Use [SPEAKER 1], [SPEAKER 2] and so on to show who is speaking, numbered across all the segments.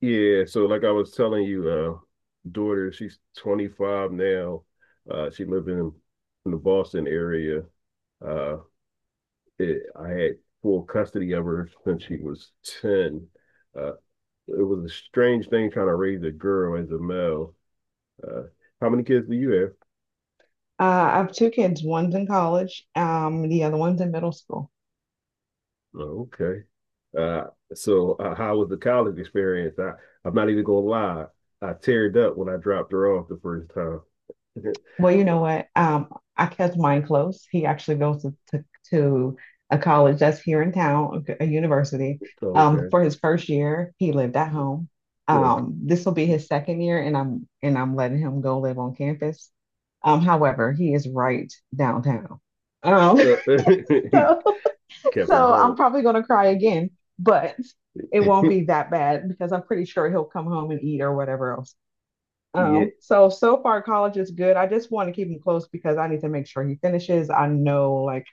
[SPEAKER 1] Yeah, so like I was telling you, daughter, she's 25 now. She lived in the Boston area. Uh, I had full custody of her since she was 10. Uh, it was a strange thing trying to raise a girl as a male. Uh, how many kids do you have?
[SPEAKER 2] I have two kids. One's in college, the other one's in middle school.
[SPEAKER 1] Oh, okay. So how was the college experience? I'm not even gonna lie. I teared up when I dropped her off the first time.
[SPEAKER 2] Well, you know what? I kept mine close. He actually goes to a college that's here in town, a university.
[SPEAKER 1] Okay.
[SPEAKER 2] For his first year, he lived at home.
[SPEAKER 1] You
[SPEAKER 2] This will be his second year, and I'm letting him go live on campus. However, he is right downtown. Um,
[SPEAKER 1] know,
[SPEAKER 2] so
[SPEAKER 1] kept him
[SPEAKER 2] so I'm
[SPEAKER 1] home.
[SPEAKER 2] probably gonna cry again, but it won't be that bad because I'm pretty sure he'll come home and eat or whatever else.
[SPEAKER 1] Yeah.
[SPEAKER 2] Oh, so so far college is good. I just want to keep him close because I need to make sure he finishes. I know, like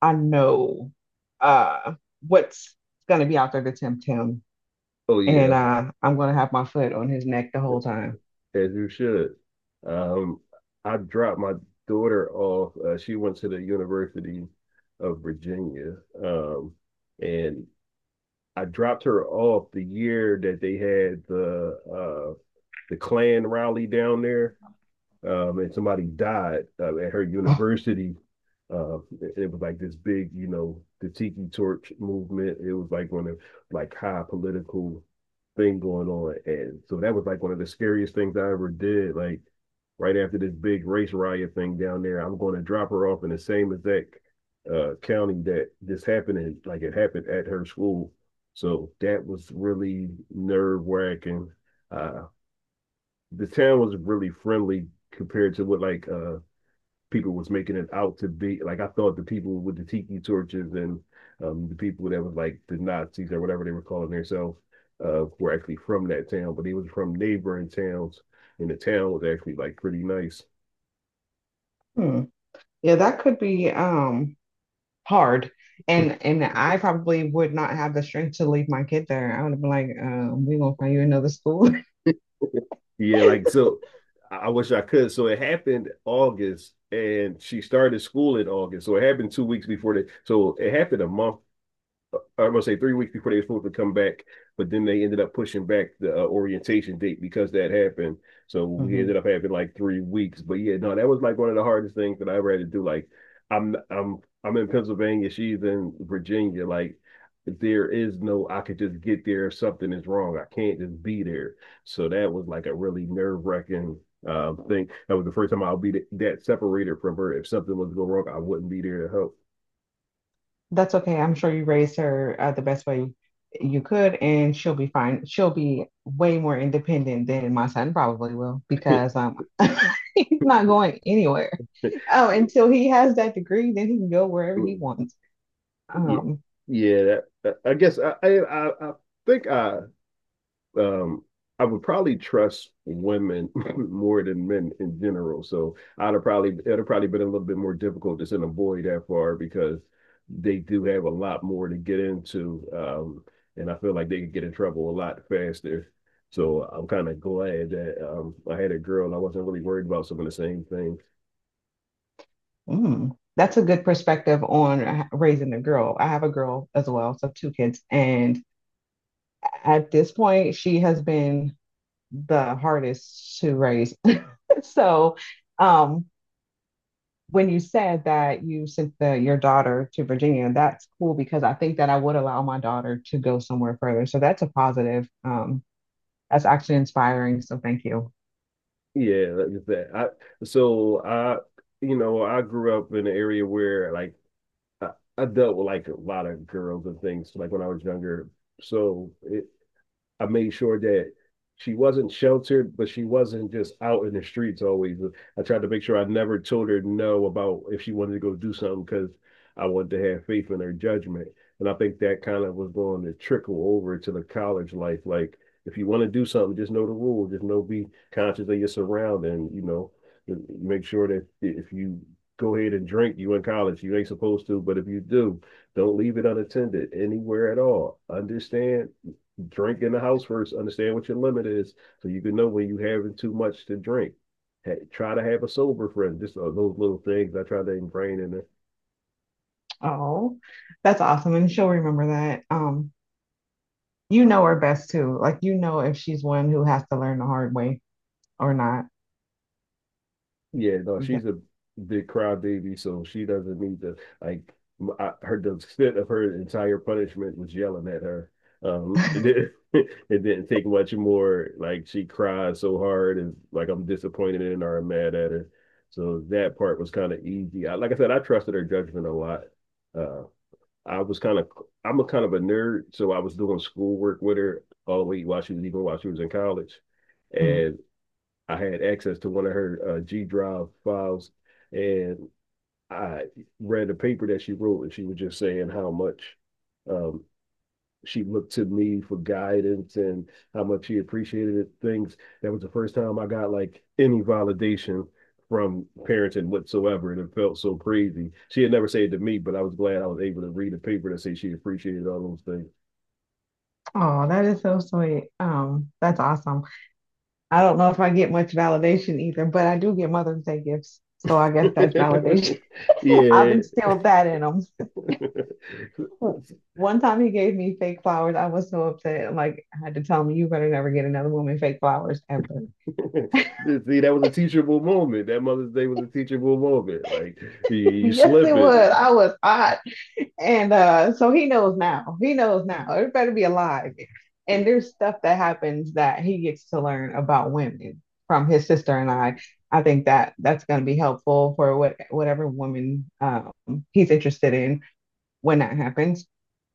[SPEAKER 2] I know uh what's gonna be out there to tempt him.
[SPEAKER 1] Oh,
[SPEAKER 2] And
[SPEAKER 1] yeah.
[SPEAKER 2] I'm gonna have my foot on his neck the whole time.
[SPEAKER 1] As you should. Um, I dropped my daughter off. She went to the University of Virginia, um, and I dropped her off the year that they had the Klan rally down there, and somebody died at her university. Uh, it was like this big, the Tiki Torch movement. It was like one of like high political thing going on, and so that was like one of the scariest things I ever did. Like right after this big race riot thing down there, I'm going to drop her off in the same exact county that this happened in. Like it happened at her school, so that was really nerve wracking. Uh, the town was really friendly compared to what like people was making it out to be. Like I thought the people with the tiki torches and the people that was like the Nazis or whatever they were calling themselves were actually from that town, but they was from neighboring towns and the town was actually like pretty nice.
[SPEAKER 2] Hmm. Yeah, that could be hard. And I probably would not have the strength to leave my kid there. I would have been like, we're gonna find you another school.
[SPEAKER 1] Yeah, like so I wish I could. So it happened August and she started school in August. So it happened 2 weeks before that. So it happened a month, I was gonna say 3 weeks before they were supposed to come back, but then they ended up pushing back the orientation date because that happened. So we ended up having like 3 weeks. But yeah, no, that was like one of the hardest things that I ever had to do. Like, I'm I'm I'm in Pennsylvania, she's in Virginia. Like, there is no I could just get there if something is wrong. I can't just be there. So that was like a really nerve wracking thing. That was the first time I'll be that separated from her. If something was to go wrong, I wouldn't be there to
[SPEAKER 2] That's okay. I'm sure you raised her the best way you could, and she'll be fine. She'll be way more independent than my son probably will
[SPEAKER 1] help.
[SPEAKER 2] because he's not going anywhere. Oh, until he has that degree, then he can go wherever he wants.
[SPEAKER 1] Yeah,
[SPEAKER 2] Um,
[SPEAKER 1] yeah. That, I guess I think um, I would probably trust women more than men in general. So I'd have probably it'd have probably been a little bit more difficult to send a boy that far because they do have a lot more to get into, and I feel like they could get in trouble a lot faster. So I'm kind of glad that I had a girl and I wasn't really worried about some of the same things.
[SPEAKER 2] mm, that's a good perspective on raising a girl. I have a girl as well, so two kids, and at this point, she has been the hardest to raise. So, um, when you said that you sent the your daughter to Virginia, that's cool because I think that I would allow my daughter to go somewhere further. So that's a positive. That's actually inspiring. So thank you.
[SPEAKER 1] Yeah, like that. I so I you know, I grew up in an area where like I, I dealt with like a lot of girls and things like when I was younger. So I made sure that she wasn't sheltered, but she wasn't just out in the streets always. I tried to make sure I never told her no about if she wanted to go do something because I wanted to have faith in her judgment. And I think that kind of was going to trickle over to the college life. Like, if you want to do something, just know the rules. Just know, be conscious of your surrounding. Make sure that if you go ahead and drink, you in college. You ain't supposed to, but if you do, don't leave it unattended anywhere at all. Understand? Drink in the house first. Understand what your limit is, so you can know when you are having too much to drink. Hey, try to have a sober friend. Just those little things I try to ingrain in her.
[SPEAKER 2] Oh, that's awesome. And she'll remember that. You know her best too. Like you know if she's one who has to learn the hard way or not.
[SPEAKER 1] Yeah, no,
[SPEAKER 2] Th-
[SPEAKER 1] she's a big crybaby, so she doesn't need to, like. M- I, her The extent of her entire punishment was yelling at her. It didn't, It didn't take much more. Like she cried so hard, and like I'm disappointed in her, I'm mad at her. So that part was kind of easy. I, like I said, I trusted her judgment a lot. Uh, I was kind of I'm a kind of a nerd, so I was doing schoolwork with her all the way while she was even while she was in college,
[SPEAKER 2] mhm.
[SPEAKER 1] and I had access to one of her G Drive files, and I read a paper that she wrote, and she was just saying how much um, she looked to me for guidance and how much she appreciated things. That was the first time I got like any validation from parenting whatsoever, and it felt so crazy. She had never said it to me, but I was glad I was able to read a paper that said she appreciated all those
[SPEAKER 2] Oh, that is so sweet. That's awesome. I don't know if I get much validation either, but I do get Mother's Day gifts. So I guess that's
[SPEAKER 1] things.
[SPEAKER 2] validation. I've
[SPEAKER 1] Yeah.
[SPEAKER 2] instilled that in them. One time he gave me fake flowers. I was so upset. I'm like, I had to tell him, you better never get another woman fake flowers ever.
[SPEAKER 1] See, that was a teachable moment. That Mother's Day was a teachable moment. Like you
[SPEAKER 2] Yes,
[SPEAKER 1] slip
[SPEAKER 2] it
[SPEAKER 1] it.
[SPEAKER 2] was. I was hot. And so he knows now. He knows now. It better be alive. And there's stuff that happens that he gets to learn about women from his sister and I. I think that that's going to be helpful for whatever woman he's interested in when that happens.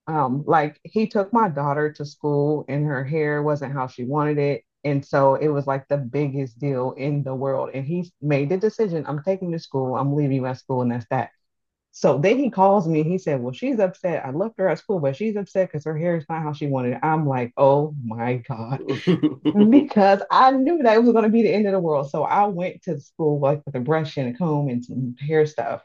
[SPEAKER 2] Like he took my daughter to school and her hair wasn't how she wanted it. And so it was like the biggest deal in the world. And he made the decision I'm taking you to school, I'm leaving you at school, and that's that. So then he calls me and he said, well, she's upset. I left her at school, but she's upset because her hair is not how she wanted it. I'm like, oh my God. Because I knew that it was going to be the end of the world. So I went to school like with a brush and a comb and some hair stuff.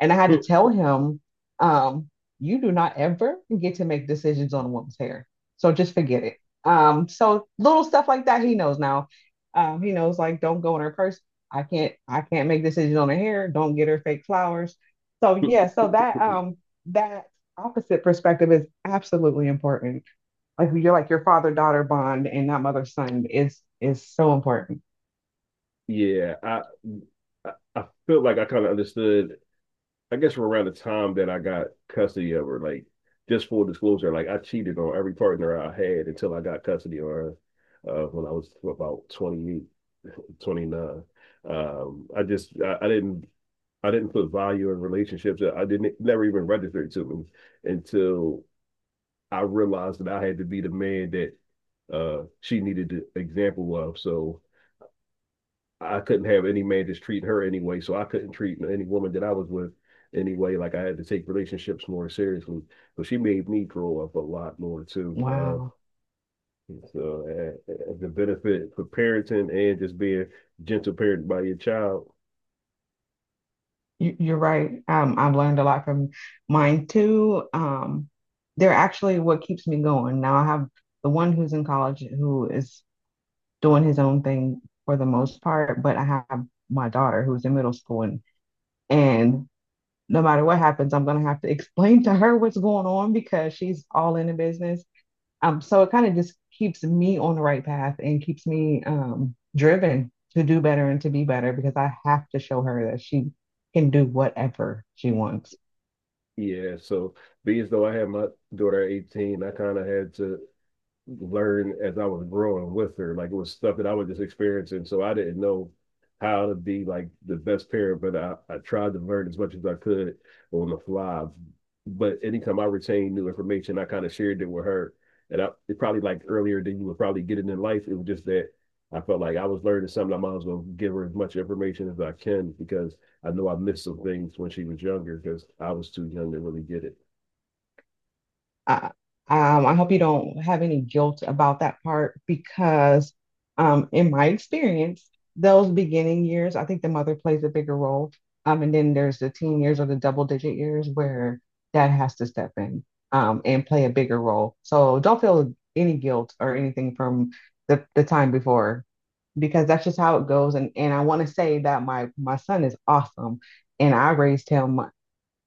[SPEAKER 2] And I had to tell him, um, you do not ever get to make decisions on a woman's hair. So just forget it. So little stuff like that, he knows now. He knows like don't go in her purse. I can't make decisions on her hair. Don't get her fake flowers. So yeah, so that opposite perspective is absolutely important. Like you're like your father daughter bond and not mother son is so important.
[SPEAKER 1] Yeah, I feel like I kind of understood. I guess from around the time that I got custody of her, like just full disclosure, like I cheated on every partner I had until I got custody of her when I was about 28, 29. I just I didn't put value in relationships. I didn't, never even registered to me until I realized that I had to be the man that she needed an example of. So I couldn't have any man just treat her anyway. So I couldn't treat any woman that I was with anyway. Like I had to take relationships more seriously. So she made me grow up a lot more too.
[SPEAKER 2] Wow.
[SPEAKER 1] So the benefit for parenting and just being gentle parent by your child.
[SPEAKER 2] You're right. I've learned a lot from mine too. They're actually what keeps me going. Now I have the one who's in college who is doing his own thing for the most part, but I have my daughter who's in middle school and no matter what happens, I'm gonna have to explain to her what's going on because she's all in the business. So it kind of just keeps me on the right path and keeps me driven to do better and to be better because I have to show her that she can do whatever she wants.
[SPEAKER 1] Yeah. So being as though I had my daughter at 18, I kind of had to learn as I was growing with her. Like it was stuff that I was just experiencing. So I didn't know how to be like the best parent, but I tried to learn as much as I could on the fly. But anytime I retained new information, I kind of shared it with her. And I it probably, like, earlier than you would probably get it in life. It was just that I felt like I was learning something. I might as well give her as much information as I can because I know I missed some things when she was younger because I was too young to really get it.
[SPEAKER 2] I, I hope you don't have any guilt about that part because, in my experience, those beginning years, I think the mother plays a bigger role. And then there's the teen years or the double digit years where dad has to step in, and play a bigger role. So don't feel any guilt or anything from the time before because that's just how it goes. And I want to say that my son is awesome, and I raised him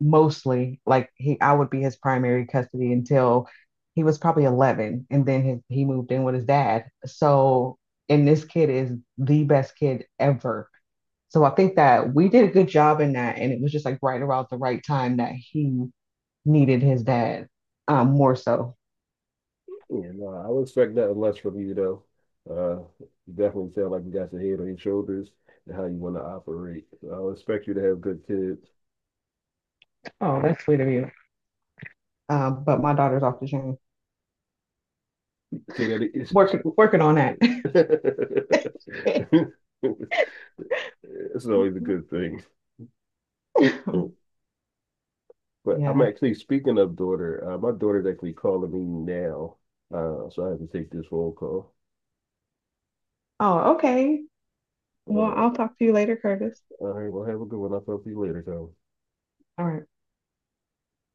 [SPEAKER 2] mostly like he I would be his primary custody until he was probably 11 and then his, he moved in with his dad. So and this kid is the best kid ever. So I think that we did a good job in that and it was just like right around the right time that he needed his dad more so.
[SPEAKER 1] Yeah, no, I would expect nothing less from you though. You definitely sound like you got your head on your shoulders and how you want to operate. So I would expect you to have good kids.
[SPEAKER 2] Oh, that's sweet of you. Um, but my daughter's off the chain.
[SPEAKER 1] Say that
[SPEAKER 2] Working working on that.
[SPEAKER 1] it's always a good thing. But I'm
[SPEAKER 2] Yeah.
[SPEAKER 1] actually speaking of daughter. My daughter's actually calling me now, so I have to take this phone call.
[SPEAKER 2] Oh, okay. Well, I'll
[SPEAKER 1] All
[SPEAKER 2] talk to you later, Curtis.
[SPEAKER 1] right, well, have a good one. I'll talk to you later, Tom.
[SPEAKER 2] All right.